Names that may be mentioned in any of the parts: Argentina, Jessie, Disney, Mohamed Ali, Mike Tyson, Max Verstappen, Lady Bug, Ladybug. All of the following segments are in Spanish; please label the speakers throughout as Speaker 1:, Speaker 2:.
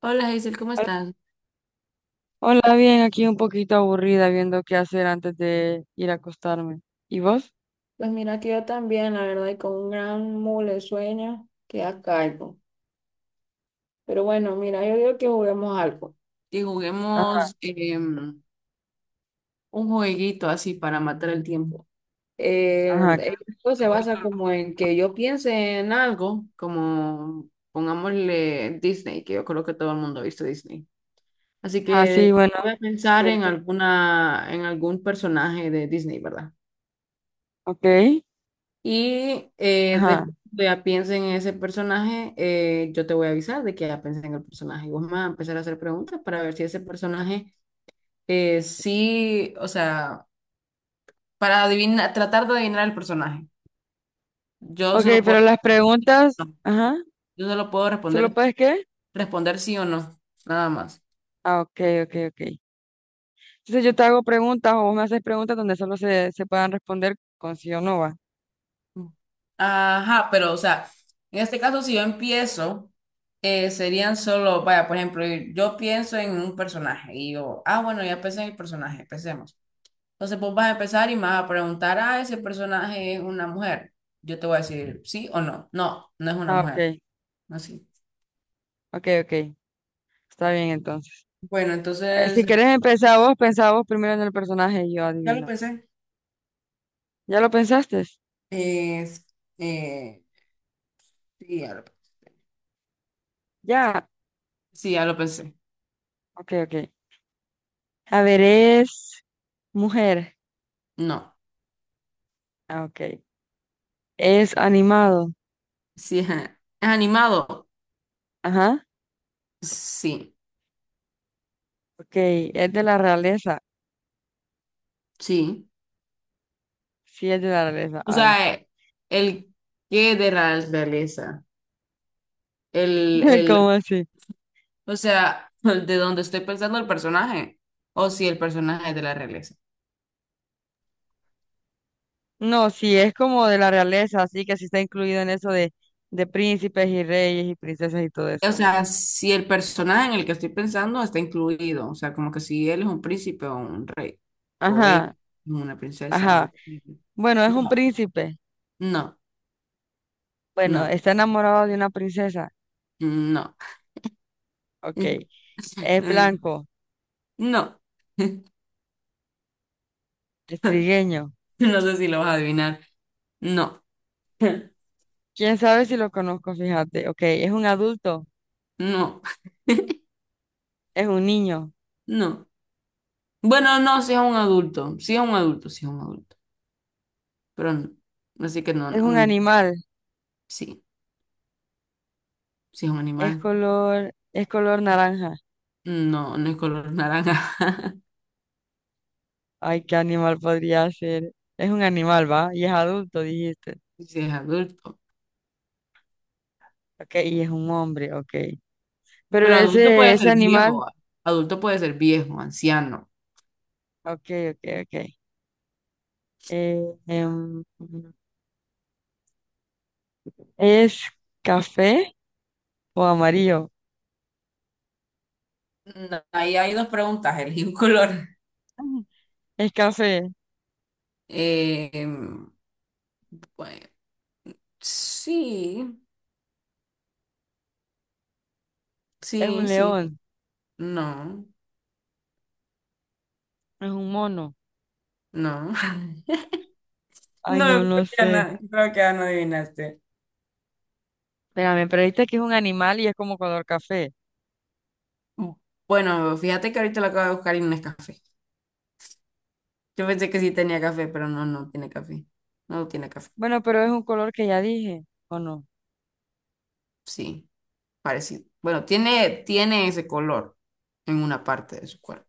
Speaker 1: Hola Hazel, ¿cómo
Speaker 2: Al-
Speaker 1: estás?
Speaker 2: Hola, bien, aquí un poquito aburrida viendo qué hacer antes de ir a acostarme. ¿Y vos?
Speaker 1: Pues mira que yo también, la verdad, y con un gran mole sueño que a cargo. Pero bueno, mira, yo digo que juguemos algo. Que
Speaker 2: Ajá,
Speaker 1: juguemos un jueguito así para matar el tiempo.
Speaker 2: ajá, claro,
Speaker 1: Esto se
Speaker 2: voy
Speaker 1: basa
Speaker 2: con-
Speaker 1: como en que yo piense en algo, como pongámosle Disney, que yo creo que todo el mundo ha visto Disney. Así
Speaker 2: Ah, sí,
Speaker 1: que
Speaker 2: bueno,
Speaker 1: voy a
Speaker 2: es
Speaker 1: pensar en
Speaker 2: cierto.
Speaker 1: alguna, en algún personaje de Disney, ¿verdad?
Speaker 2: Ok,
Speaker 1: Y
Speaker 2: ajá.
Speaker 1: después que ya piense en ese personaje, yo te voy a avisar de que ya pensé en el personaje. Y vos me vas a empezar a hacer preguntas para ver si ese personaje sí, o sea, para adivinar, tratar de adivinar el personaje. Yo
Speaker 2: Ok,
Speaker 1: solo
Speaker 2: pero
Speaker 1: puedo,
Speaker 2: las preguntas, ajá,
Speaker 1: yo solo puedo
Speaker 2: ¿solo
Speaker 1: responder,
Speaker 2: puedes qué?
Speaker 1: responder sí o no, nada más.
Speaker 2: Ah, ok, ok, ok. Entonces yo te hago preguntas o vos me haces preguntas donde solo se puedan responder con sí o no va.
Speaker 1: Ajá, pero o sea, en este caso si yo empiezo, serían solo, vaya, por ejemplo, yo pienso en un personaje y yo, ah, bueno, ya pensé en el personaje, empecemos. Entonces vos vas a empezar y me vas a preguntar, ah, ese personaje es una mujer. Yo te voy a decir sí o no. No, no es una
Speaker 2: Ah,
Speaker 1: mujer.
Speaker 2: ok,
Speaker 1: Así.
Speaker 2: ok, ok. Está bien entonces.
Speaker 1: Bueno,
Speaker 2: Si
Speaker 1: entonces,
Speaker 2: querés empezar vos, pensá vos primero en el personaje y yo
Speaker 1: ya lo
Speaker 2: adivino.
Speaker 1: pensé.
Speaker 2: ¿Ya lo pensaste?
Speaker 1: Es, eh, sí, ya lo,
Speaker 2: Ya.
Speaker 1: sí, ya lo pensé.
Speaker 2: Ok, ok. A ver, es mujer.
Speaker 1: No.
Speaker 2: Ah, ok. Es animado.
Speaker 1: Sí, es animado.
Speaker 2: Ajá.
Speaker 1: Sí,
Speaker 2: Ok. Es de la realeza.
Speaker 1: sí.
Speaker 2: Sí, es de la realeza.
Speaker 1: O
Speaker 2: Ay.
Speaker 1: sea, el qué de la realeza. El, el,
Speaker 2: ¿Cómo así?
Speaker 1: o sea, de donde estoy pensando el personaje. O si el personaje es de la realeza.
Speaker 2: No, sí, es como de la realeza, así que sí está incluido en eso de príncipes y reyes y princesas y todo eso.
Speaker 1: O sea, si el personaje en el que estoy pensando está incluido, o sea, como que si él es un príncipe o un rey, o ella
Speaker 2: Ajá.
Speaker 1: es una princesa o
Speaker 2: Ajá.
Speaker 1: un...
Speaker 2: Bueno, es un príncipe.
Speaker 1: No, no,
Speaker 2: Bueno,
Speaker 1: no,
Speaker 2: está enamorado de una princesa.
Speaker 1: no,
Speaker 2: Ok. Es blanco.
Speaker 1: no,
Speaker 2: Es trigueño.
Speaker 1: no sé si lo vas a adivinar, no,
Speaker 2: ¿Quién sabe si lo conozco? Fíjate. Ok. Es un adulto.
Speaker 1: no,
Speaker 2: Es un niño.
Speaker 1: no. Bueno, no, si es un adulto, si es un adulto, si es un adulto, pero no, así que no,
Speaker 2: Es
Speaker 1: no,
Speaker 2: un
Speaker 1: un-
Speaker 2: animal.
Speaker 1: sí, si es un
Speaker 2: Es
Speaker 1: animal,
Speaker 2: color, es color naranja.
Speaker 1: no, no es color naranja,
Speaker 2: Ay, ¿qué animal podría ser? Es un animal, ¿va? Y es adulto, dijiste.
Speaker 1: si es adulto.
Speaker 2: Ok, y es un hombre, ok. Pero
Speaker 1: Pero adulto
Speaker 2: ese,
Speaker 1: puede
Speaker 2: ese
Speaker 1: ser
Speaker 2: animal,
Speaker 1: viejo, ah. Adulto puede ser viejo, anciano.
Speaker 2: ok, ok, ok. Eh, em, ¿Es café o amarillo?
Speaker 1: No, ahí hay dos preguntas, elegí un color.
Speaker 2: Ujú. Es café,
Speaker 1: Eh, pues, sí,
Speaker 2: es un
Speaker 1: sí, sí.
Speaker 2: león,
Speaker 1: No,
Speaker 2: es un mono.
Speaker 1: no.
Speaker 2: Ay,
Speaker 1: No,
Speaker 2: no, no
Speaker 1: creo que,
Speaker 2: sé.
Speaker 1: no, creo que ya no adivinaste.
Speaker 2: Espérame, pero viste que es un animal y es como color café.
Speaker 1: Bueno, fíjate que ahorita lo acabo de buscar y no es café. Yo pensé que sí tenía café, pero no, no tiene café. No tiene café.
Speaker 2: Bueno, pero es un color que ya dije, ¿o no?
Speaker 1: Sí, parecido. Bueno, tiene ese color en una parte de su cuerpo.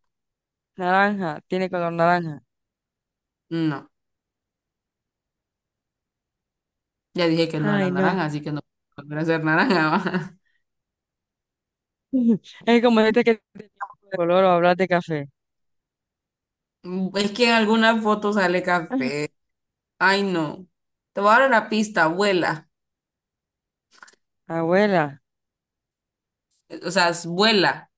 Speaker 2: Naranja, tiene color naranja.
Speaker 1: No. Ya dije que no era
Speaker 2: Ay, no.
Speaker 1: naranja, así que no puede volver a ser naranja. Va.
Speaker 2: Es como este que tenía un de color o hablar de café.
Speaker 1: Es que en algunas fotos sale
Speaker 2: Ajá.
Speaker 1: café. Ay, no. Te voy a dar una pista, vuela.
Speaker 2: Abuela,
Speaker 1: O sea, es- vuela.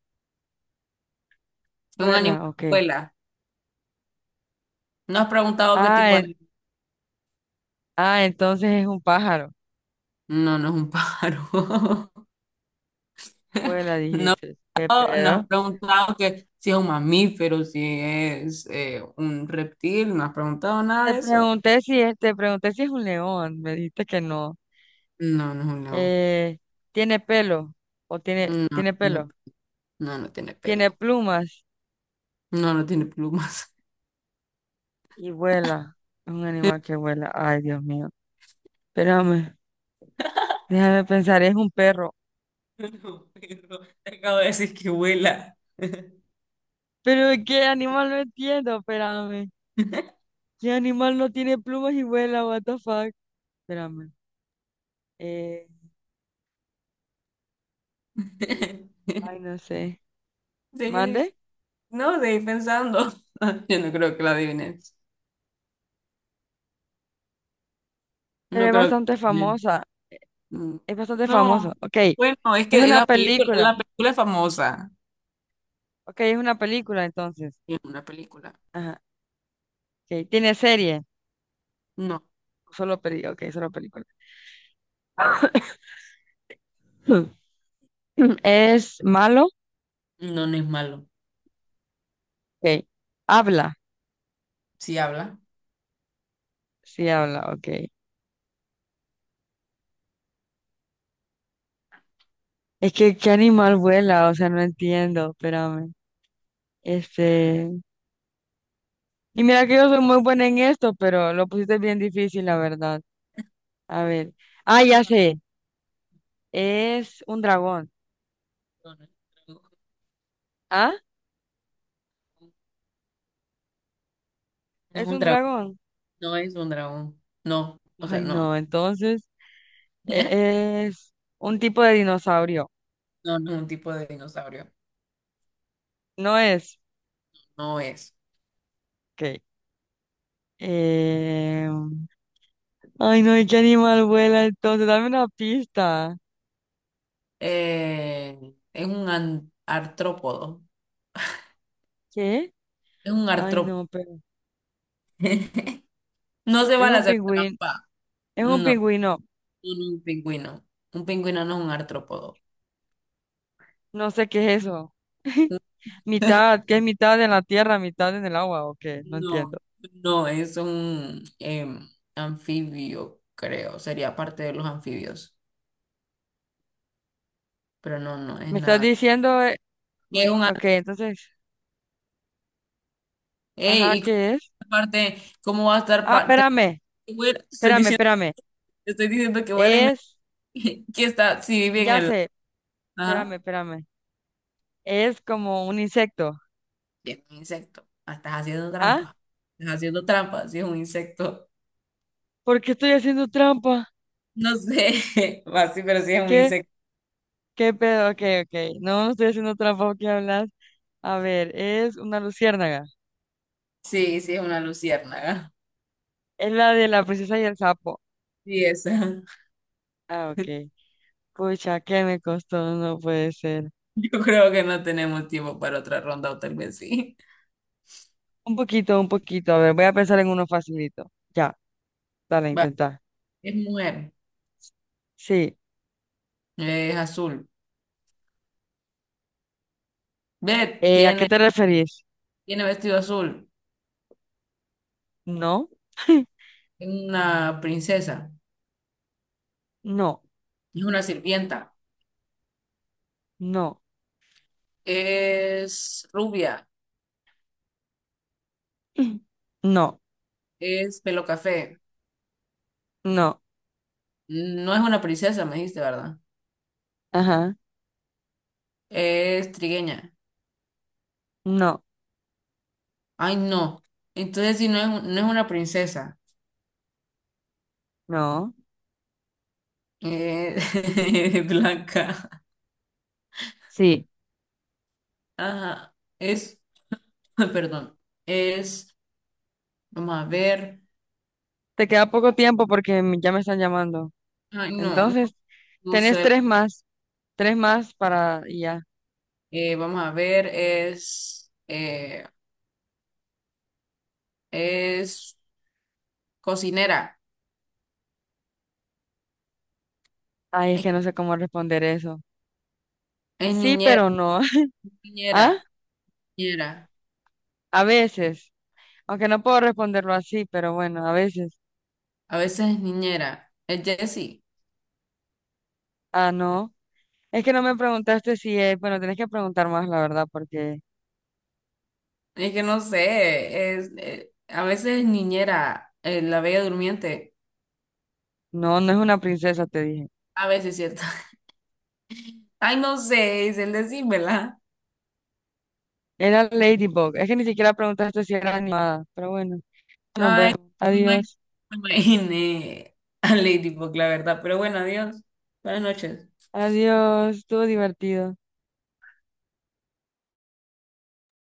Speaker 1: Es un animal
Speaker 2: abuela,
Speaker 1: que
Speaker 2: ok.
Speaker 1: vuela. ¿No has preguntado qué
Speaker 2: Ah,
Speaker 1: tipo de
Speaker 2: en-
Speaker 1: animal?
Speaker 2: ah, entonces es un pájaro.
Speaker 1: No, no es un pájaro.
Speaker 2: Abuela, dijiste. ¿Qué
Speaker 1: No, no has
Speaker 2: pedo?
Speaker 1: preguntado que si es un mamífero, si es un reptil. No has preguntado nada
Speaker 2: Te
Speaker 1: de eso.
Speaker 2: pregunté si es, te pregunté si es un león. Me dijiste que no.
Speaker 1: No, no es un león.
Speaker 2: Eh, ¿Tiene pelo? ¿O
Speaker 1: No,
Speaker 2: tiene,
Speaker 1: no,
Speaker 2: tiene
Speaker 1: tiene-
Speaker 2: pelo?
Speaker 1: no, no tiene
Speaker 2: ¿Tiene
Speaker 1: pelo.
Speaker 2: plumas?
Speaker 1: No, no tiene plumas.
Speaker 2: Y vuela. Es un animal que vuela. Ay, Dios mío. Espérame, déjame pensar, es un perro.
Speaker 1: No, Pedro, te acabo de decir que vuela.
Speaker 2: Pero ¿de qué animal no entiendo? Espérame. ¿Qué animal no tiene plumas y vuela? What the fuck? Espérame. Eh, ay, no sé.
Speaker 1: Seguí dic-
Speaker 2: ¿Mande?
Speaker 1: no, seguí pensando. Yo no creo que la adivines.
Speaker 2: Pero
Speaker 1: No
Speaker 2: es
Speaker 1: creo
Speaker 2: bastante
Speaker 1: que...
Speaker 2: famosa.
Speaker 1: Mm,
Speaker 2: Es bastante
Speaker 1: no.
Speaker 2: famoso. Ok. Es
Speaker 1: Bueno, es que
Speaker 2: una película.
Speaker 1: la película es famosa.
Speaker 2: Ok, es una película entonces.
Speaker 1: Es una película.
Speaker 2: Ajá. Ok. ¿Tiene serie?
Speaker 1: No,
Speaker 2: Solo peli. Ok, solo película. ¿Es malo?
Speaker 1: no, no es malo.
Speaker 2: Ok. ¿Habla?
Speaker 1: Si habla.
Speaker 2: Sí, habla. Ok. Es que, ¿qué animal vuela? O sea, no entiendo. Espérame. Este. Y mira que yo soy muy buena en esto, pero lo pusiste bien difícil, la verdad. A ver. Ah, ya sé. Es un dragón.
Speaker 1: No, no
Speaker 2: ¿Ah?
Speaker 1: es
Speaker 2: ¿Es
Speaker 1: un
Speaker 2: un
Speaker 1: dragón.
Speaker 2: dragón?
Speaker 1: No es un dragón. No es un dragón. No, o sea,
Speaker 2: Ay,
Speaker 1: no.
Speaker 2: no. Entonces, es un tipo de dinosaurio.
Speaker 1: No, no es un tipo de dinosaurio.
Speaker 2: No es.
Speaker 1: No es.
Speaker 2: Ok. Eh... Ay, no. ¿Y qué animal vuela entonces? Dame una pista.
Speaker 1: Es un artrópodo.
Speaker 2: ¿Qué?
Speaker 1: Es un
Speaker 2: Ay,
Speaker 1: artrópodo.
Speaker 2: no, pero.
Speaker 1: No se
Speaker 2: Es
Speaker 1: van a
Speaker 2: un
Speaker 1: hacer
Speaker 2: pingüino.
Speaker 1: trampa.
Speaker 2: Es un
Speaker 1: No,
Speaker 2: pingüino.
Speaker 1: un pingüino. Un pingüino no es un artrópodo.
Speaker 2: No sé qué es eso. Mitad, que es mitad en la tierra, mitad en el agua, ¿o qué? No
Speaker 1: No,
Speaker 2: entiendo.
Speaker 1: no, es un anfibio, creo. Sería parte de los anfibios. Pero no, no es
Speaker 2: Me estás
Speaker 1: nada.
Speaker 2: diciendo,
Speaker 1: Es un an-
Speaker 2: ok, entonces,
Speaker 1: Ey,
Speaker 2: ajá,
Speaker 1: y
Speaker 2: ¿qué es?
Speaker 1: aparte, ¿cómo va a estar
Speaker 2: Ah,
Speaker 1: parte?
Speaker 2: espérame,
Speaker 1: Estoy
Speaker 2: espérame,
Speaker 1: diciendo,
Speaker 2: espérame.
Speaker 1: estoy diciendo que huele me-
Speaker 2: Es,
Speaker 1: que está, si vive en
Speaker 2: ya
Speaker 1: el.
Speaker 2: sé, espérame,
Speaker 1: Ajá.
Speaker 2: espérame. Es como un insecto.
Speaker 1: Y es un insecto. Ah, estás haciendo
Speaker 2: ¿Ah?
Speaker 1: trampa. Estás haciendo trampa, si es un insecto.
Speaker 2: ¿Por qué estoy haciendo trampa?
Speaker 1: No sé, va, sí, pero sí es un
Speaker 2: ¿Qué?
Speaker 1: insecto.
Speaker 2: ¿Qué pedo? Ok, ok. No, no estoy haciendo trampa, ¿qué hablas? A ver, es una luciérnaga.
Speaker 1: Sí, sí es una luciérnaga.
Speaker 2: Es la de la princesa y el sapo.
Speaker 1: Sí, esa.
Speaker 2: Ah, ok. Pucha, ¿qué me costó? No puede ser.
Speaker 1: Yo creo que no tenemos tiempo para otra ronda o tal vez sí.
Speaker 2: Un poquito, un poquito. A ver, voy a pensar en uno facilito. Ya, dale,
Speaker 1: Va,
Speaker 2: intenta.
Speaker 1: es mujer,
Speaker 2: Sí.
Speaker 1: es azul. Ve,
Speaker 2: ¿A qué te referís?
Speaker 1: tiene vestido azul.
Speaker 2: No,
Speaker 1: Es una princesa,
Speaker 2: no,
Speaker 1: es una sirvienta.
Speaker 2: no,
Speaker 1: Es rubia,
Speaker 2: no,
Speaker 1: es pelo café.
Speaker 2: no,
Speaker 1: No es una princesa, me dijiste, ¿verdad?
Speaker 2: ajá,
Speaker 1: Es trigueña.
Speaker 2: no,
Speaker 1: Ay, no. Entonces, si no es, un- no es una princesa,
Speaker 2: no.
Speaker 1: eh, es blanca.
Speaker 2: Sí,
Speaker 1: Ajá. Es, perdón, es, vamos a ver.
Speaker 2: te queda poco tiempo porque ya me están llamando.
Speaker 1: Ay, no, no,
Speaker 2: Entonces,
Speaker 1: no
Speaker 2: tenés
Speaker 1: sé.
Speaker 2: tres más para y ya.
Speaker 1: Vamos a ver, es cocinera,
Speaker 2: Ay, es
Speaker 1: es,
Speaker 2: que no sé cómo responder eso.
Speaker 1: es
Speaker 2: Sí,
Speaker 1: niñera,
Speaker 2: pero no.
Speaker 1: niñera,
Speaker 2: ¿Ah?
Speaker 1: niñera.
Speaker 2: A veces. Aunque no puedo responderlo así, pero bueno, a veces.
Speaker 1: A veces es niñera. Es Jessie.
Speaker 2: Ah, no. Es que no me preguntaste si es, bueno, tenés que preguntar más, la verdad, porque
Speaker 1: Es que no sé, es, a veces es niñera, la bella durmiente.
Speaker 2: no, no es una princesa, te dije.
Speaker 1: A veces, ¿cierto? Ay, no sé, Isel, decímela.
Speaker 2: Era Ladybug. Es que ni siquiera preguntaste si era animada. Pero bueno, nos
Speaker 1: Ay,
Speaker 2: vemos.
Speaker 1: no me
Speaker 2: Adiós.
Speaker 1: no me imaginé a Lady Bug, la verdad. Pero bueno, adiós. Buenas noches.
Speaker 2: Adiós. Estuvo divertido.